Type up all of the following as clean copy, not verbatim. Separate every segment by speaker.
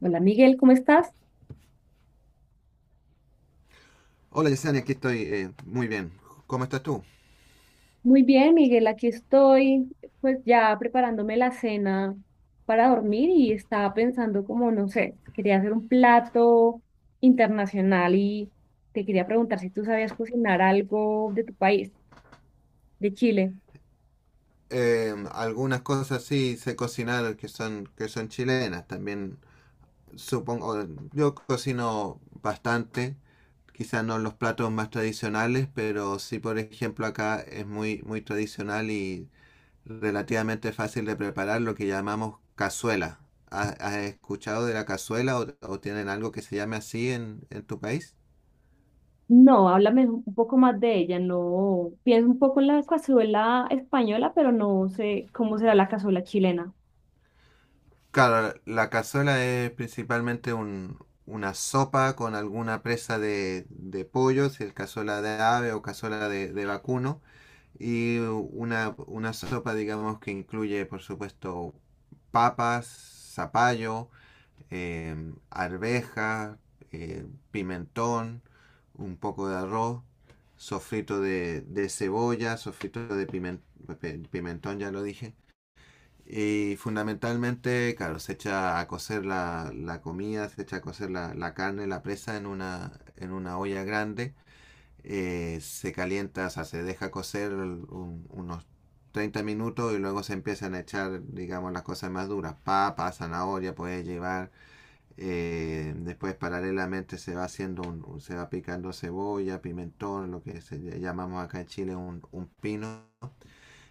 Speaker 1: Hola Miguel, ¿cómo estás?
Speaker 2: Hola Yesenia, aquí estoy. Muy bien. ¿Cómo estás tú?
Speaker 1: Muy bien, Miguel, aquí estoy, pues ya preparándome la cena para dormir y estaba pensando como, no sé, quería hacer un plato internacional y te quería preguntar si tú sabías cocinar algo de tu país, de Chile.
Speaker 2: Algunas cosas sí sé cocinar que son chilenas. También supongo, yo cocino bastante. Quizás no los platos más tradicionales, pero sí, por ejemplo, acá es muy, muy tradicional y relativamente fácil de preparar lo que llamamos cazuela. ¿Has escuchado de la cazuela o tienen algo que se llame así en tu país?
Speaker 1: No, háblame un poco más de ella, no, pienso un poco en la cazuela española, pero no sé cómo será la cazuela chilena.
Speaker 2: Claro, la cazuela es principalmente una sopa con alguna presa de pollo, si es cazuela de ave o cazuela de vacuno, y una sopa, digamos, que incluye, por supuesto, papas, zapallo, arveja, pimentón, un poco de arroz, sofrito de cebolla, sofrito de pimentón, ya lo dije y fundamentalmente, claro, se echa a cocer la comida, se echa a cocer la carne, la presa en una olla grande. Se calienta, o sea, se deja cocer unos 30 minutos y luego se empiezan a echar, digamos, las cosas más duras. Papa, zanahoria, puedes llevar. Después paralelamente se va haciendo se va picando cebolla, pimentón, lo que se llamamos acá en Chile un pino,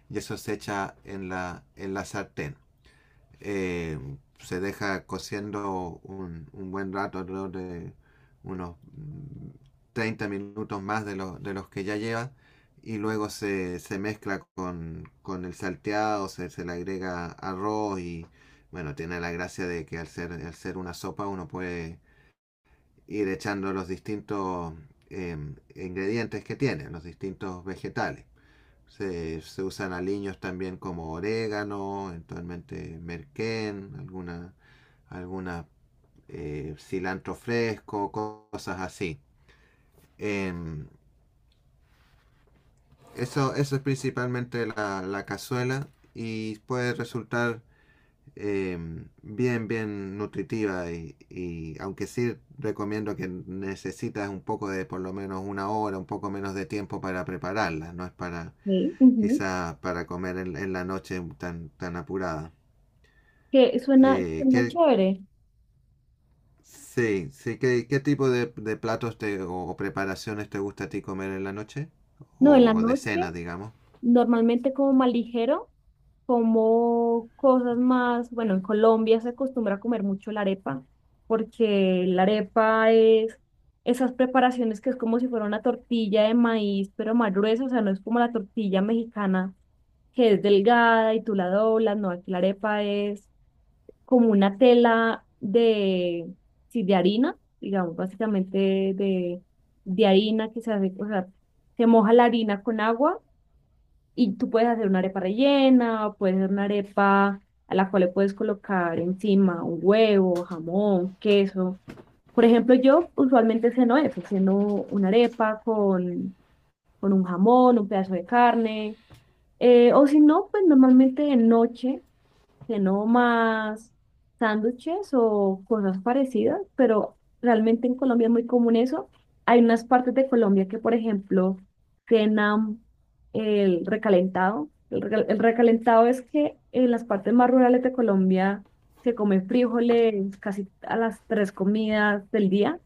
Speaker 2: y eso se echa en la sartén, eh, se deja cociendo un buen rato, alrededor de unos 30 minutos más de los que ya lleva, y luego se mezcla con el salteado, se le agrega arroz y bueno, tiene la gracia de que al ser una sopa uno puede ir echando los distintos eh, ingredientes que tiene, los distintos vegetales. Se usan aliños también como orégano, eventualmente merquén, alguna, alguna cilantro fresco, cosas así. Em, eso es principalmente la cazuela y puede resultar, bien, bien nutritiva y aunque sí recomiendo que necesitas un poco de por lo menos una hora, un poco menos de tiempo para prepararla, no es para
Speaker 1: Sí. Ujú.
Speaker 2: quizás para comer la noche tan, tan apurada.
Speaker 1: Que suena,
Speaker 2: Eh,
Speaker 1: suena
Speaker 2: ¿qué,
Speaker 1: chévere.
Speaker 2: sí, sí. ¿Qué tipo de platos o preparaciones te gusta a ti comer en la noche?
Speaker 1: No, en la
Speaker 2: O de
Speaker 1: noche.
Speaker 2: cena, digamos.
Speaker 1: Normalmente como más ligero, como cosas más, bueno, en Colombia se acostumbra a comer mucho la arepa, porque la arepa es esas preparaciones que es como si fuera una tortilla de maíz, pero más gruesa, o sea, no es como la tortilla mexicana que es delgada y tú la doblas, no, aquí la arepa es como una tela de, sí, de harina, digamos, básicamente de, harina que se hace, o sea, se moja la harina con agua y tú puedes hacer una arepa rellena, puedes hacer una arepa a la cual le puedes colocar encima un huevo, jamón, queso. Por ejemplo, yo usualmente ceno eso, ceno una arepa con, un jamón, un pedazo de carne, o si no, pues normalmente de noche que no más sándwiches o cosas parecidas, pero realmente en Colombia es muy común eso. Hay unas partes de Colombia que, por ejemplo, cenan el recalentado. El recalentado es que en las partes más rurales de Colombia se come frijoles casi a las 3 comidas del día.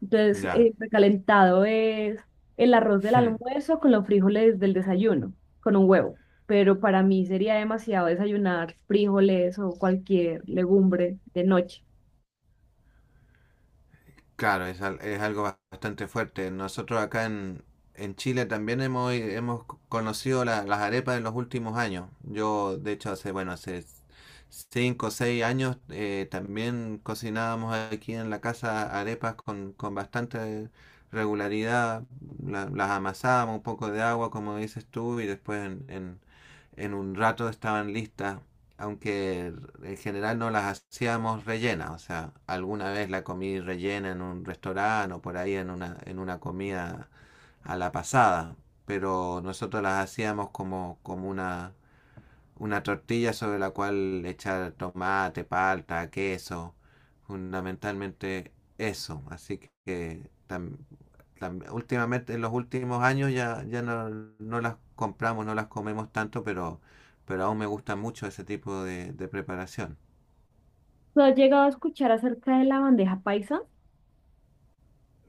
Speaker 1: Entonces,
Speaker 2: Ya.
Speaker 1: el recalentado es el arroz del
Speaker 2: Hmm.
Speaker 1: almuerzo con los frijoles del desayuno, con un huevo. Pero para mí sería demasiado desayunar frijoles o cualquier legumbre de noche.
Speaker 2: Claro, es algo bastante fuerte. Nosotros acá en Chile también hemos conocido las arepas en los últimos años. Yo, de hecho, bueno, hace 5 o 6 años, también cocinábamos aquí en la casa arepas con bastante regularidad. Las amasábamos un poco de agua, como dices tú, y después en un rato estaban listas, aunque en general no las hacíamos rellenas. O sea, alguna vez la comí rellena en un restaurante o por ahí en una comida a la pasada, pero nosotros las hacíamos como una tortilla sobre la cual echar tomate, palta, queso, fundamentalmente eso. Así que últimamente, en los últimos años ya no las compramos, no las comemos tanto, pero aún me gusta mucho ese tipo de preparación.
Speaker 1: ¿Tú has llegado a escuchar acerca de la bandeja paisa?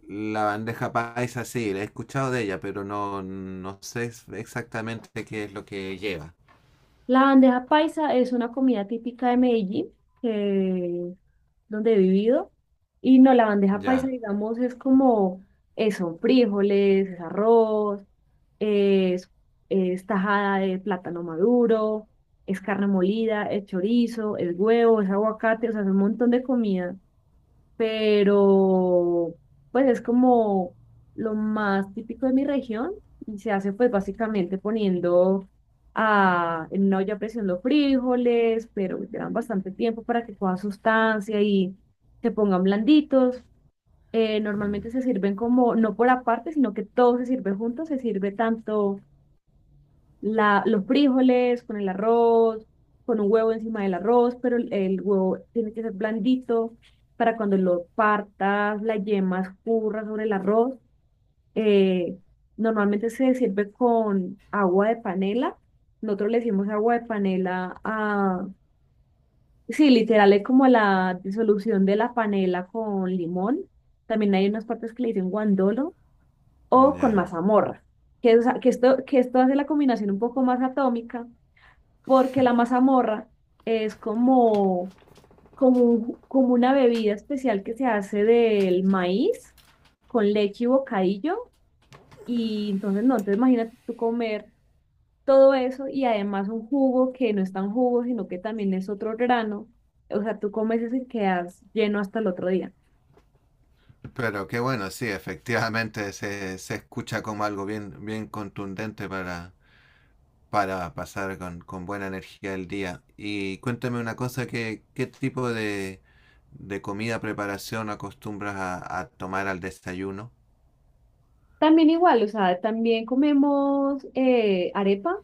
Speaker 2: La bandeja paisa sí, la he escuchado de ella, pero no sé exactamente qué es lo que lleva.
Speaker 1: La bandeja paisa es una comida típica de Medellín, que es donde he vivido. Y no, la bandeja paisa,
Speaker 2: Ya.
Speaker 1: digamos, es como eso, frijoles, es arroz. es, es tajada de plátano maduro, es carne molida, es chorizo, es huevo, es aguacate, o sea, es un montón de comida, pero pues es como lo más típico de mi región y se hace pues básicamente poniendo en una olla a presión los frijoles, pero llevan bastante tiempo para que coja sustancia y se pongan blanditos. Normalmente
Speaker 2: Mm.
Speaker 1: se sirven como, no por aparte, sino que todo se sirve junto, se sirve tanto la, los frijoles con el arroz, con un huevo encima del arroz, pero el huevo tiene que ser blandito para cuando lo partas, la yema escurra sobre el arroz. Eh, Normalmente se sirve con agua de panela. Nosotros le decimos agua de panela a... Sí, literal es como la disolución de la panela con limón. También hay unas partes que le dicen guandolo o con
Speaker 2: Ya.
Speaker 1: mazamorra, que esto hace la combinación un poco más atómica porque la mazamorra es como una bebida especial que se hace del maíz con leche y bocadillo. Y entonces, no, entonces imagínate tú comer todo eso y además un jugo que no es tan jugo, sino que también es otro grano. O sea, tú comes eso y quedas lleno hasta el otro día.
Speaker 2: Pero qué bueno, sí, efectivamente se escucha como algo bien, bien contundente para pasar con buena energía el día. Y cuéntame una cosa, ¿qué tipo de comida preparación acostumbras a tomar al desayuno?
Speaker 1: También igual, o sea, también comemos arepa.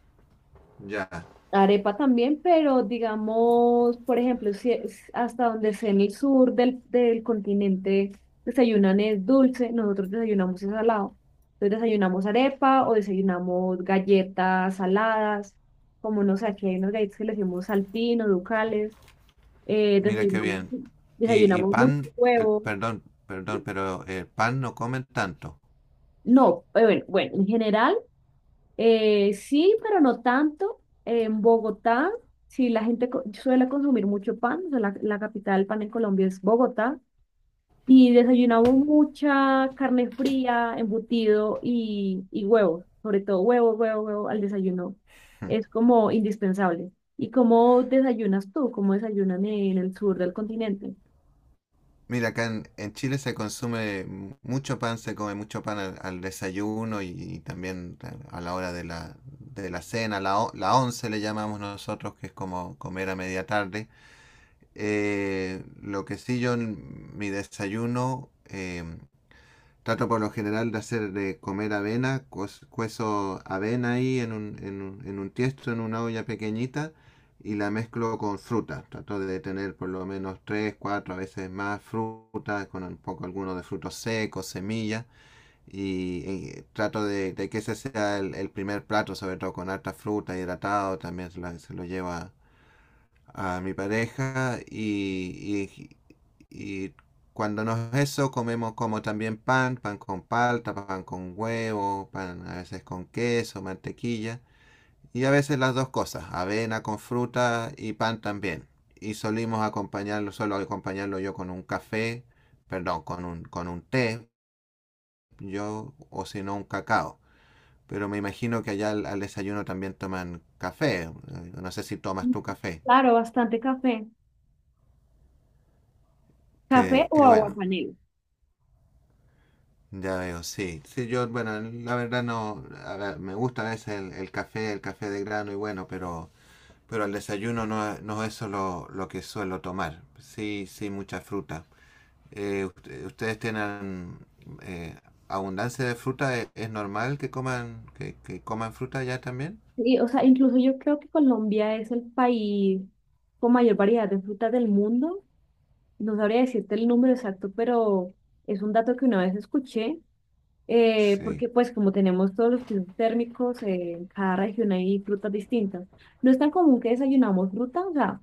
Speaker 2: Ya,
Speaker 1: Arepa también, pero digamos, por ejemplo, si es hasta donde sea en el sur del continente desayunan es dulce, nosotros desayunamos es salado. Entonces desayunamos arepa o desayunamos galletas saladas, como no sé, aquí hay unas galletas que le decimos saltín o ducales, eh,
Speaker 2: mira qué
Speaker 1: desayunamos,
Speaker 2: bien. Y
Speaker 1: desayunamos mucho
Speaker 2: pan,
Speaker 1: huevo.
Speaker 2: perdón, perdón, pero el pan no comen tanto.
Speaker 1: No, bueno, bueno, en general. Sí, pero no tanto. En Bogotá, sí, la gente suele consumir mucho pan. O sea, la capital del pan en Colombia es Bogotá. Y desayunamos mucha carne fría, embutido y huevos. Sobre todo huevo, huevo, huevo al desayuno. Es como indispensable. ¿Y cómo desayunas tú? ¿Cómo desayunan en el sur del continente?
Speaker 2: Mira, acá en Chile se consume mucho pan, se come mucho pan al desayuno y también a la hora de la cena, la once le llamamos nosotros, que es como comer a media tarde. Lo que sí yo en mi desayuno, trato por lo general de hacer de comer avena, cuezo avena ahí en un tiesto, en una olla pequeñita y la mezclo con fruta. Trato de tener por lo menos tres, cuatro, a veces más frutas, con un poco alguno de frutos secos, semillas, y trato de que ese sea el primer plato, sobre todo con harta fruta, hidratado. También se lo lleva a mi pareja y cuando no es eso comemos como también pan, pan con palta, pan con huevo, pan a veces con queso, mantequilla y a veces las dos cosas, avena con fruta y pan también. Y solimos acompañarlo, solo acompañarlo yo con un café, perdón, con un té, yo o si no un cacao. Pero me imagino que allá al desayuno también toman café. No sé si tomas tu café.
Speaker 1: Claro, bastante café. ¿Café o
Speaker 2: Que
Speaker 1: agua?
Speaker 2: bueno. Ya veo, sí. Sí, yo, bueno, la verdad no, a ver, me gusta a veces el café, el café de grano y bueno, pero al desayuno no, no es eso lo que suelo tomar. Sí, sí, mucha fruta. ¿Ustedes tienen eh, abundancia de fruta? ¿Es normal que coman, que coman fruta ya también?
Speaker 1: Sí, o sea, incluso yo creo que Colombia es el país con mayor variedad de frutas del mundo. No sabría decirte el número exacto, pero es un dato que una vez escuché,
Speaker 2: Sí.
Speaker 1: porque pues como tenemos todos los pisos térmicos, en cada región hay frutas distintas. No es tan común que desayunamos fruta, o sea,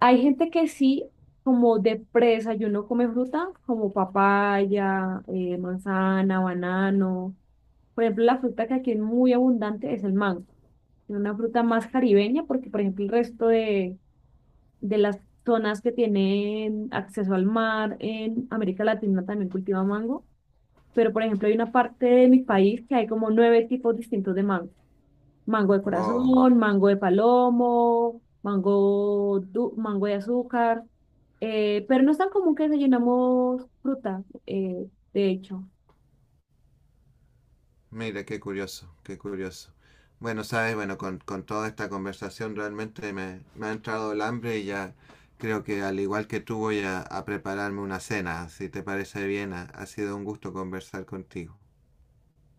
Speaker 1: hay gente que sí, como de pre-desayuno come fruta, como papaya, manzana, banano. Por ejemplo, la fruta que aquí es muy abundante es el mango. Una fruta más caribeña, porque por ejemplo el resto de, las zonas que tienen acceso al mar en América Latina también cultiva mango, pero por ejemplo hay una parte de mi país que hay como 9 tipos distintos de mango. Mango de corazón,
Speaker 2: Wow.
Speaker 1: mango de palomo, mango de azúcar, pero no es tan común que desayunamos fruta, de hecho.
Speaker 2: Mira, qué curioso, qué curioso. Bueno, sabes, bueno, con toda esta conversación realmente me ha entrado el hambre y ya creo que al igual que tú voy a prepararme una cena. Si te parece bien, ha sido un gusto conversar contigo.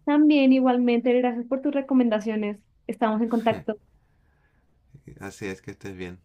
Speaker 1: También igualmente, gracias por tus recomendaciones. Estamos en contacto.
Speaker 2: Así es que estés bien.